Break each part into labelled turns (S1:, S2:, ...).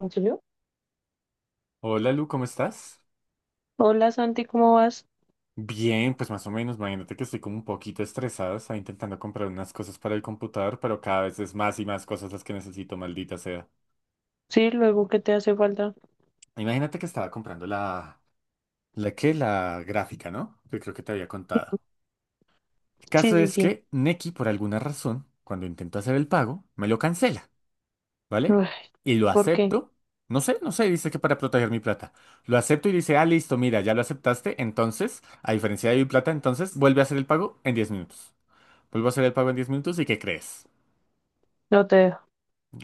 S1: ¿Yo?
S2: Hola Lu, ¿cómo estás?
S1: Hola Santi, ¿cómo vas?
S2: Bien, pues más o menos, imagínate que estoy como un poquito estresado, estaba intentando comprar unas cosas para el computador, pero cada vez es más y más cosas las que necesito, maldita sea.
S1: Sí, luego que te hace falta.
S2: Imagínate que estaba comprando la. ¿La qué? La gráfica, ¿no? Que creo que te había contado. El
S1: Sí,
S2: caso
S1: sí,
S2: es
S1: sí.
S2: que Nequi, por alguna razón, cuando intento hacer el pago, me lo cancela, ¿vale?
S1: Uy,
S2: Y lo
S1: ¿por qué?
S2: acepto. No sé, no sé, dice que para proteger mi plata. Lo acepto y dice, ah, listo, mira, ya lo aceptaste, entonces, a diferencia de mi plata, entonces, vuelve a hacer el pago en 10 minutos. Vuelvo a hacer el pago en 10 minutos, y ¿qué crees?
S1: No te dejo.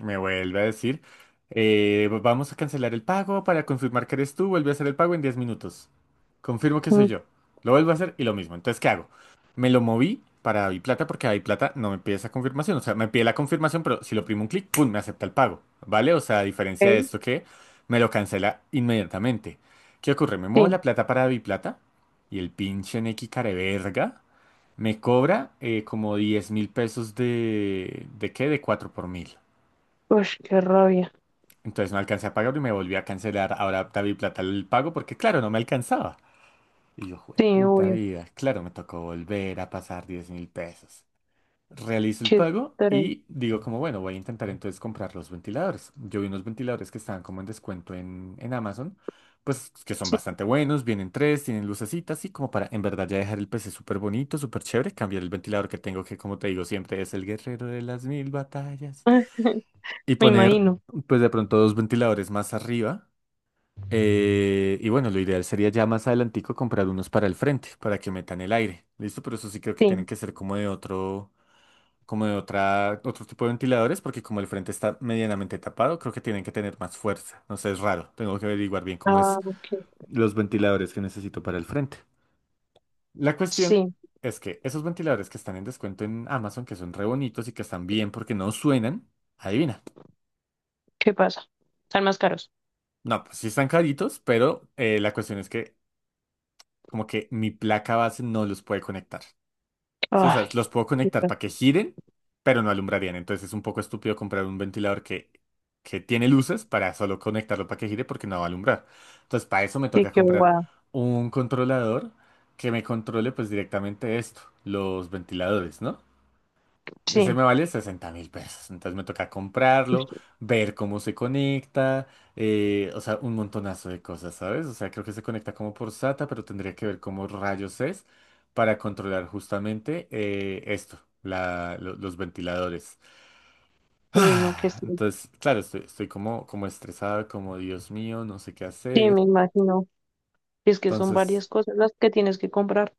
S2: Me vuelve a decir, vamos a cancelar el pago para confirmar que eres tú, vuelve a hacer el pago en 10 minutos. Confirmo que soy
S1: Ok,
S2: yo. Lo vuelvo a hacer y lo mismo. Entonces, ¿qué hago? Me lo moví para Plata porque Plata no me pide esa confirmación. O sea, me pide la confirmación, pero si lo oprimo un clic, ¡pum! Me acepta el pago. ¿Vale? O sea, a diferencia de esto que me lo cancela inmediatamente. ¿Qué ocurre? Me muevo
S1: sí.
S2: la plata para Plata y el pinche Neki careverga me cobra como 10.000 pesos de. ¿De qué? De 4 por mil.
S1: Uy, qué rabia.
S2: Entonces no alcancé a pagarlo y me volví a cancelar ahora David Plata el pago porque, claro, no me alcanzaba. Y yo, jue
S1: Sí,
S2: puta
S1: obvio.
S2: vida, claro, me tocó volver a pasar 10.000 pesos. Realizo el pago
S1: Chistere.
S2: y digo como, bueno, voy a intentar entonces comprar los ventiladores. Yo vi unos ventiladores que estaban como en descuento en Amazon, pues que son
S1: Sí,
S2: bastante buenos, vienen tres, tienen lucecitas y como para en verdad ya dejar el PC súper bonito, súper chévere, cambiar el ventilador que tengo que, como te digo, siempre es el guerrero de las mil batallas,
S1: ay,
S2: y
S1: me
S2: poner
S1: imagino.
S2: pues de pronto dos ventiladores más arriba, y bueno, lo ideal sería ya más adelantico comprar unos para el frente, para que metan el aire. ¿Listo? Pero eso sí creo que tienen
S1: Sí.
S2: que ser como de otra, otro tipo de ventiladores, porque como el frente está medianamente tapado, creo que tienen que tener más fuerza. No sé, es raro. Tengo que averiguar bien cómo es
S1: Ah, ok.
S2: los ventiladores que necesito para el frente. La cuestión
S1: Sí,
S2: es que esos ventiladores que están en descuento en Amazon, que son re bonitos y que están bien porque no suenan, adivina.
S1: ¿qué pasa? Están más caros.
S2: No, pues sí están caritos, pero la cuestión es que como que mi placa base no los puede conectar. Sí, o sea,
S1: Ay,
S2: los puedo conectar
S1: chica,
S2: para que giren, pero no alumbrarían. Entonces es un poco estúpido comprar un ventilador que tiene luces para solo conectarlo para que gire porque no va a alumbrar. Entonces para eso me
S1: sí,
S2: toca
S1: qué
S2: comprar
S1: guau.
S2: un controlador que me controle pues directamente esto, los ventiladores, ¿no? Ese
S1: Sí.
S2: me vale 60.000 pesos. Entonces me toca
S1: Uy,
S2: comprarlo, ver cómo se conecta, o sea, un montonazo de cosas, ¿sabes? O sea, creo que se conecta como por SATA, pero tendría que ver cómo rayos es para controlar justamente esto, los ventiladores.
S1: uy, no, qué
S2: Ah,
S1: estrés.
S2: entonces, claro, estoy como, estresado, como Dios mío, no sé qué
S1: Sí, me
S2: hacer.
S1: imagino. Y es que son
S2: Entonces,
S1: varias cosas las que tienes que comprar.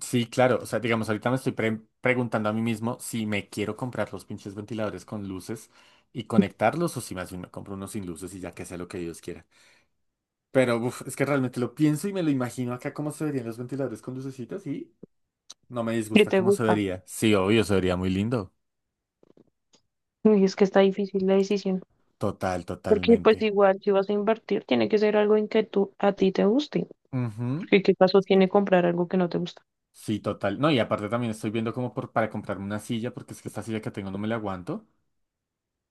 S2: sí, claro. O sea, digamos, ahorita me estoy preguntando a mí mismo si me quiero comprar los pinches ventiladores con luces y conectarlos, o si más bien me compro unos sin luces y ya que sea lo que Dios quiera. Pero uf, es que realmente lo pienso y me lo imagino acá cómo se verían los ventiladores con lucecitas y no me
S1: ¿Qué
S2: disgusta
S1: te
S2: cómo se
S1: gusta?
S2: vería. Sí, obvio, se vería muy lindo.
S1: Uy, es que está difícil la decisión.
S2: Total,
S1: Porque
S2: totalmente.
S1: pues igual si vas a invertir, tiene que ser algo en que tú a ti te guste.
S2: Ujú.
S1: Porque qué caso tiene comprar algo que no te gusta.
S2: Sí, total. No, y aparte también estoy viendo como para comprarme una silla porque es que esta silla que tengo no me la aguanto.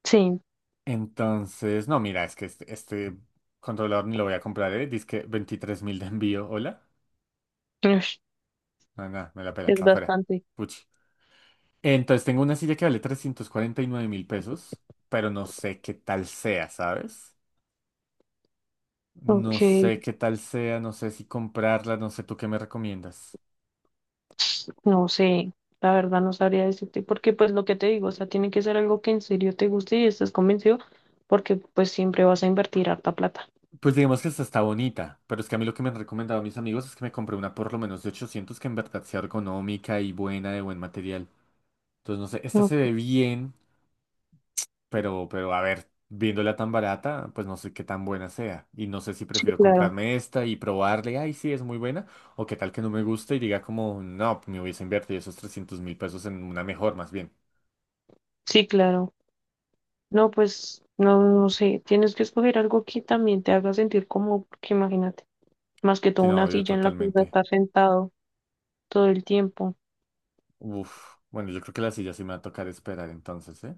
S1: Sí,
S2: Entonces, no, mira, es que este controlador ni lo voy a comprar, ¿eh? Dice que 23 mil de envío, ¿hola?
S1: ush,
S2: No, nada, me la pela,
S1: es
S2: para afuera.
S1: bastante.
S2: Puchi. Entonces, tengo una silla que vale 349.000 pesos, pero no sé qué tal sea, ¿sabes? No
S1: Ok,
S2: sé qué tal sea, no sé si comprarla, no sé tú qué me recomiendas.
S1: no sé, la verdad no sabría decirte, porque pues lo que te digo, o sea, tiene que ser algo que en serio te guste y estés convencido, porque pues siempre vas a invertir harta plata.
S2: Pues digamos que esta está bonita, pero es que a mí lo que me han recomendado mis amigos es que me compré una por lo menos de 800 que en verdad sea ergonómica y buena, de buen material. Entonces, no sé, esta
S1: No,
S2: se ve bien, pero a ver, viéndola tan barata, pues no sé qué tan buena sea. Y no sé si
S1: sí,
S2: prefiero
S1: claro,
S2: comprarme esta y probarle, ay, sí, es muy buena, o qué tal que no me guste y diga como, no, me hubiese invertido esos 300.000 pesos en una mejor, más bien.
S1: sí, claro. No, pues no, no sé, tienes que escoger algo que también te haga sentir cómodo, porque imagínate, más que
S2: Si
S1: todo una
S2: no, yo
S1: silla en la que vas a
S2: totalmente.
S1: estar sentado todo el tiempo.
S2: Uf, bueno, yo creo que la silla sí me va a tocar esperar entonces, ¿eh?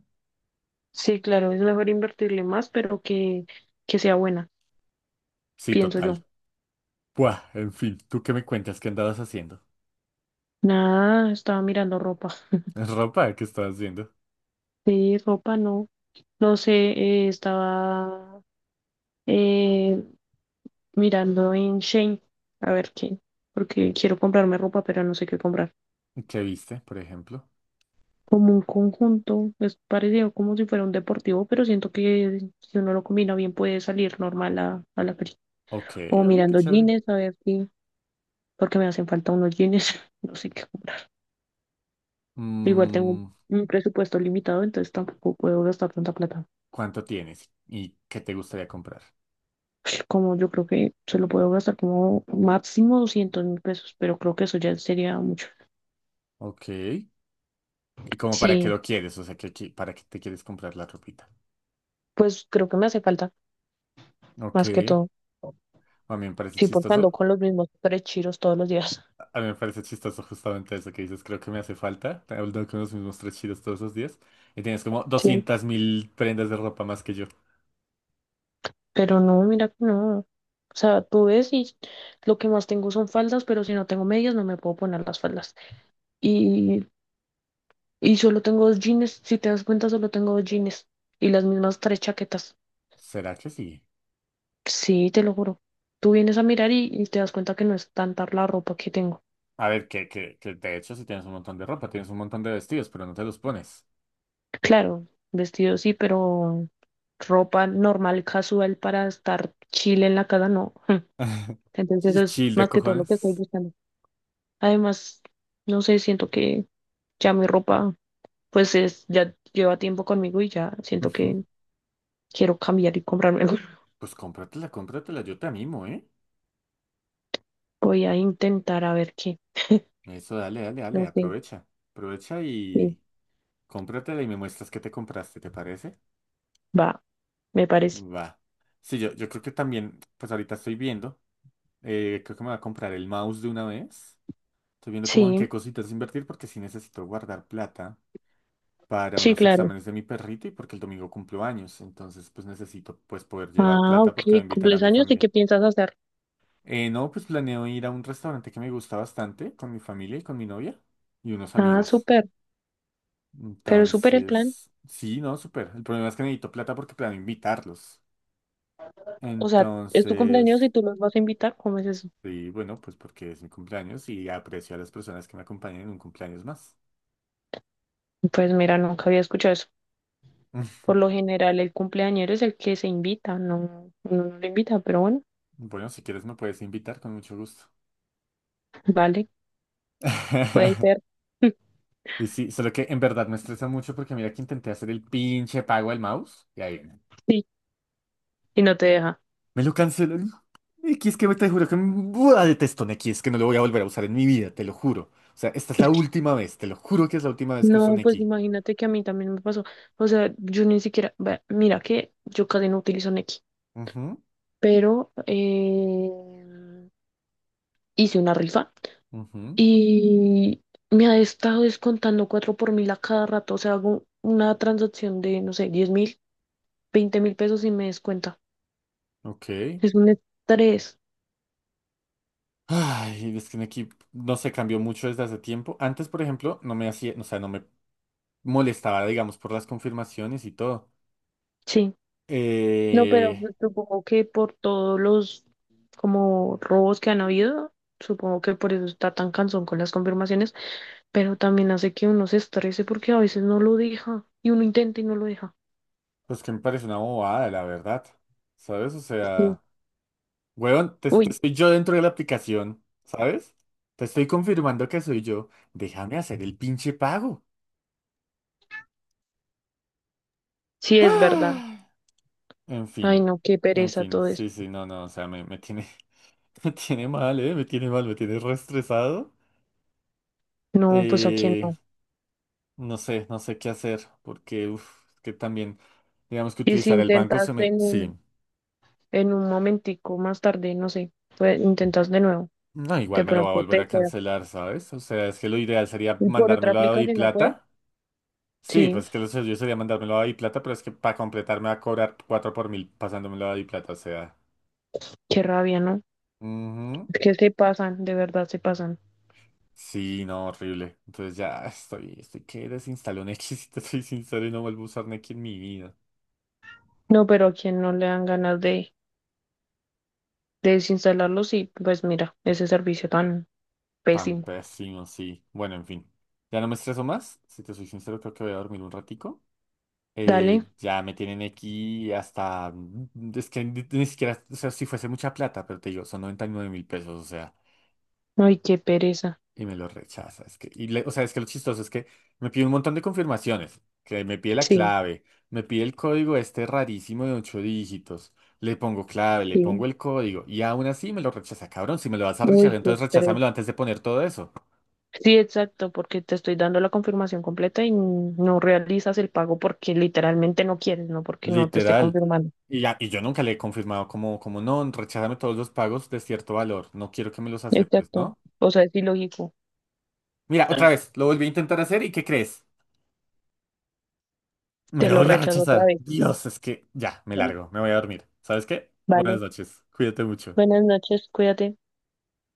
S1: Sí, claro, es mejor invertirle más, pero que sea buena,
S2: Sí,
S1: pienso
S2: total.
S1: yo.
S2: Buah, en fin, ¿tú qué me cuentas? ¿Qué andabas haciendo?
S1: Nada, estaba mirando ropa.
S2: ¿Ropa? ¿Qué estabas haciendo?
S1: Sí, ropa no. No sé, estaba eh, mirando en Shein, a ver qué, porque quiero comprarme ropa, pero no sé qué comprar.
S2: ¿Qué viste, por ejemplo?
S1: Como un conjunto, es parecido como si fuera un deportivo, pero siento que si uno lo combina bien puede salir normal a la película.
S2: Ok,
S1: O
S2: oye, qué
S1: mirando
S2: chévere.
S1: jeans, a ver si, porque me hacen falta unos jeans, no sé qué. Igual tengo un
S2: Mm,
S1: un presupuesto limitado, entonces tampoco puedo gastar tanta plata.
S2: ¿cuánto tienes? ¿Y qué te gustaría comprar?
S1: Como yo creo que se lo puedo gastar como máximo 200.000 pesos, pero creo que eso ya sería mucho.
S2: Ok. ¿Y como para qué
S1: Sí,
S2: lo quieres? O sea, ¿para qué te quieres comprar la ropita?
S1: pues creo que me hace falta,
S2: Ok.
S1: más que todo.
S2: A mí me parece
S1: Sí, porque ando
S2: chistoso.
S1: con los mismos tres chiros todos los días.
S2: A mí me parece chistoso justamente eso que dices. Creo que me hace falta. Te hablo con los mismos tres chidos todos los días. Y tienes como
S1: Sí,
S2: 200.000 prendas de ropa más que yo.
S1: pero no, mira que no. O sea, tú ves y lo que más tengo son faldas, pero si no tengo medias no me puedo poner las faldas. Y, y solo tengo dos jeans, si te das cuenta, solo tengo dos jeans y las mismas tres chaquetas.
S2: ¿Será que sí?
S1: Sí, te lo juro. Tú vienes a mirar y te das cuenta que no es tanta la ropa que tengo.
S2: A ver, que de hecho si tienes un montón de ropa, tienes un montón de vestidos, pero no te los pones.
S1: Claro, vestido sí, pero ropa normal, casual para estar chile en la casa, no. Entonces
S2: Sí,
S1: eso es
S2: chill de
S1: más que todo lo que estoy
S2: cojones.
S1: buscando. Además, no sé, siento que ya mi ropa, pues es, ya lleva tiempo conmigo y ya siento
S2: Ujú.
S1: que quiero cambiar y comprarme algo.
S2: Pues cómpratela, cómpratela, yo te animo, ¿eh?
S1: Voy a intentar a ver qué.
S2: Eso, dale, dale,
S1: No
S2: dale,
S1: sé,
S2: aprovecha. Aprovecha
S1: sí,
S2: y cómpratela y me muestras qué te compraste, ¿te parece?
S1: va, me parece.
S2: Va. Sí, yo creo que también, pues ahorita estoy viendo, creo que me voy a comprar el mouse de una vez. Estoy viendo como en qué
S1: Sí,
S2: cositas invertir porque sí necesito guardar plata para
S1: sí,
S2: unos
S1: claro.
S2: exámenes de mi perrito y porque el domingo cumplo años. Entonces, pues necesito pues poder llevar
S1: Ah,
S2: plata
S1: ok,
S2: porque voy a invitar a
S1: cumples
S2: mi
S1: años y qué
S2: familia.
S1: piensas hacer.
S2: No, pues planeo ir a un restaurante que me gusta bastante con mi familia y con mi novia y unos
S1: Ah,
S2: amigos.
S1: súper, pero súper el plan.
S2: Entonces, sí, no, súper. El problema es que necesito plata porque planeo invitarlos.
S1: O sea, es tu cumpleaños y
S2: Entonces,
S1: tú los vas a invitar, ¿cómo es eso?
S2: sí, bueno, pues porque es mi cumpleaños y aprecio a las personas que me acompañan en un cumpleaños más.
S1: Pues mira, nunca había escuchado eso. Por lo general, el cumpleañero es el que se invita, no, uno no lo invita, pero bueno,
S2: Bueno, si quieres me puedes invitar con mucho gusto.
S1: vale, puede ser.
S2: Y sí, solo que en verdad me estresa mucho porque mira que intenté hacer el pinche pago al mouse y ahí viene.
S1: Sí, y no te deja.
S2: Me lo cancelan. Neki, es que te juro que me buah, detesto Neki, es que no lo voy a volver a usar en mi vida, te lo juro. O sea, esta es la última vez, te lo juro que es la última vez que uso
S1: No, pues
S2: Nequi.
S1: imagínate que a mí también me pasó. O sea, yo ni siquiera, ve- mira que yo casi no utilizo Nequi,
S2: Ujú,
S1: pero hice una rifa.
S2: ujú,
S1: Y me ha estado descontando 4 por mil a cada rato. O sea, hago una transacción de, no sé, 10.000, 20.000 pesos y me descuenta.
S2: ok.
S1: Es un estrés,
S2: Ay, es que en equipo no se cambió mucho desde hace tiempo. Antes, por ejemplo, no me hacía, o sea, no me molestaba, digamos, por las confirmaciones y todo.
S1: sí. No, pero
S2: Eh,
S1: pues supongo que por todos los como robos que han habido, supongo que por eso está tan cansón con las confirmaciones, pero también hace que uno se estrese porque a veces no lo deja y uno intenta y no lo deja.
S2: pues que me parece una bobada, la verdad. ¿Sabes? O
S1: Sí.
S2: sea, weón, te
S1: Uy,
S2: estoy yo dentro de la aplicación, ¿sabes? Te estoy confirmando que soy yo. Déjame hacer el pinche pago.
S1: sí es verdad.
S2: Ah, en
S1: Ay,
S2: fin,
S1: no, qué
S2: en
S1: pereza
S2: fin,
S1: todo esto.
S2: sí, sí, no, no, o sea, me tiene, me tiene mal, ¿eh? Me tiene mal, me tiene reestresado.
S1: No, pues a quién no.
S2: No sé, no sé qué hacer, porque uf, es que también, digamos que
S1: Y si
S2: utilizar el banco
S1: intentas
S2: se me. Sí,
S1: en un momentico más tarde, no sé, pues intentas de nuevo,
S2: no,
S1: de
S2: igual me lo va a
S1: pronto
S2: volver
S1: te
S2: a
S1: queda.
S2: cancelar, ¿sabes? O sea, es que lo ideal sería
S1: Y por otra
S2: mandármelo a
S1: aplicación no puedes.
S2: Plata. Sí,
S1: Sí,
S2: pues es que lo yo sería mandármelo a Plata, pero es que para completar me va a cobrar 4 por mil pasándomelo a Plata, o sea.
S1: qué rabia, ¿no?
S2: Ujú.
S1: Es que se pasan, de verdad se pasan.
S2: Sí, no, horrible. Entonces ya estoy, estoy que desinstalo Nequi, si te soy sincero, y no vuelvo a usar Nequi en mi vida.
S1: No, pero a quien no le dan ganas de desinstalarlo, sí, pues mira, ese servicio tan
S2: Tan
S1: pésimo.
S2: pésimo, sí. Bueno, en fin. Ya no me estreso más. Si te soy sincero, creo que voy a dormir un ratico.
S1: Dale,
S2: Ya me tienen aquí hasta, es que ni siquiera, o sea, si fuese mucha plata, pero te digo, son 99.000 pesos, o sea,
S1: ay, qué pereza.
S2: y me lo rechaza. Es que, y o sea, es que lo chistoso es que me pide un montón de confirmaciones, que me pide la
S1: Sí,
S2: clave, me pide el código este rarísimo de 8 dígitos, le pongo clave, le
S1: sí,
S2: pongo el código, y aún así me lo rechaza, cabrón, si me lo vas a rechazar,
S1: uy, qué
S2: entonces
S1: estrés.
S2: recházamelo antes de poner todo eso,
S1: Sí, exacto, porque te estoy dando la confirmación completa y no realizas el pago porque literalmente no quieres, no porque no te esté
S2: literal.
S1: confirmando.
S2: Y, y yo nunca le he confirmado como, como no, recházame todos los pagos de cierto valor, no quiero que me los aceptes,
S1: Exacto.
S2: ¿no?
S1: O sea, es ilógico.
S2: Mira, otra
S1: Bueno,
S2: vez, lo volví a intentar hacer y ¿qué crees? Me
S1: te
S2: lo
S1: lo
S2: volví a
S1: rechazo otra
S2: rechazar.
S1: vez,
S2: Dios, es que ya, me
S1: bueno,
S2: largo, me voy a dormir. ¿Sabes qué?
S1: ¿vale?
S2: Buenas noches, cuídate mucho.
S1: Buenas noches, cuídate.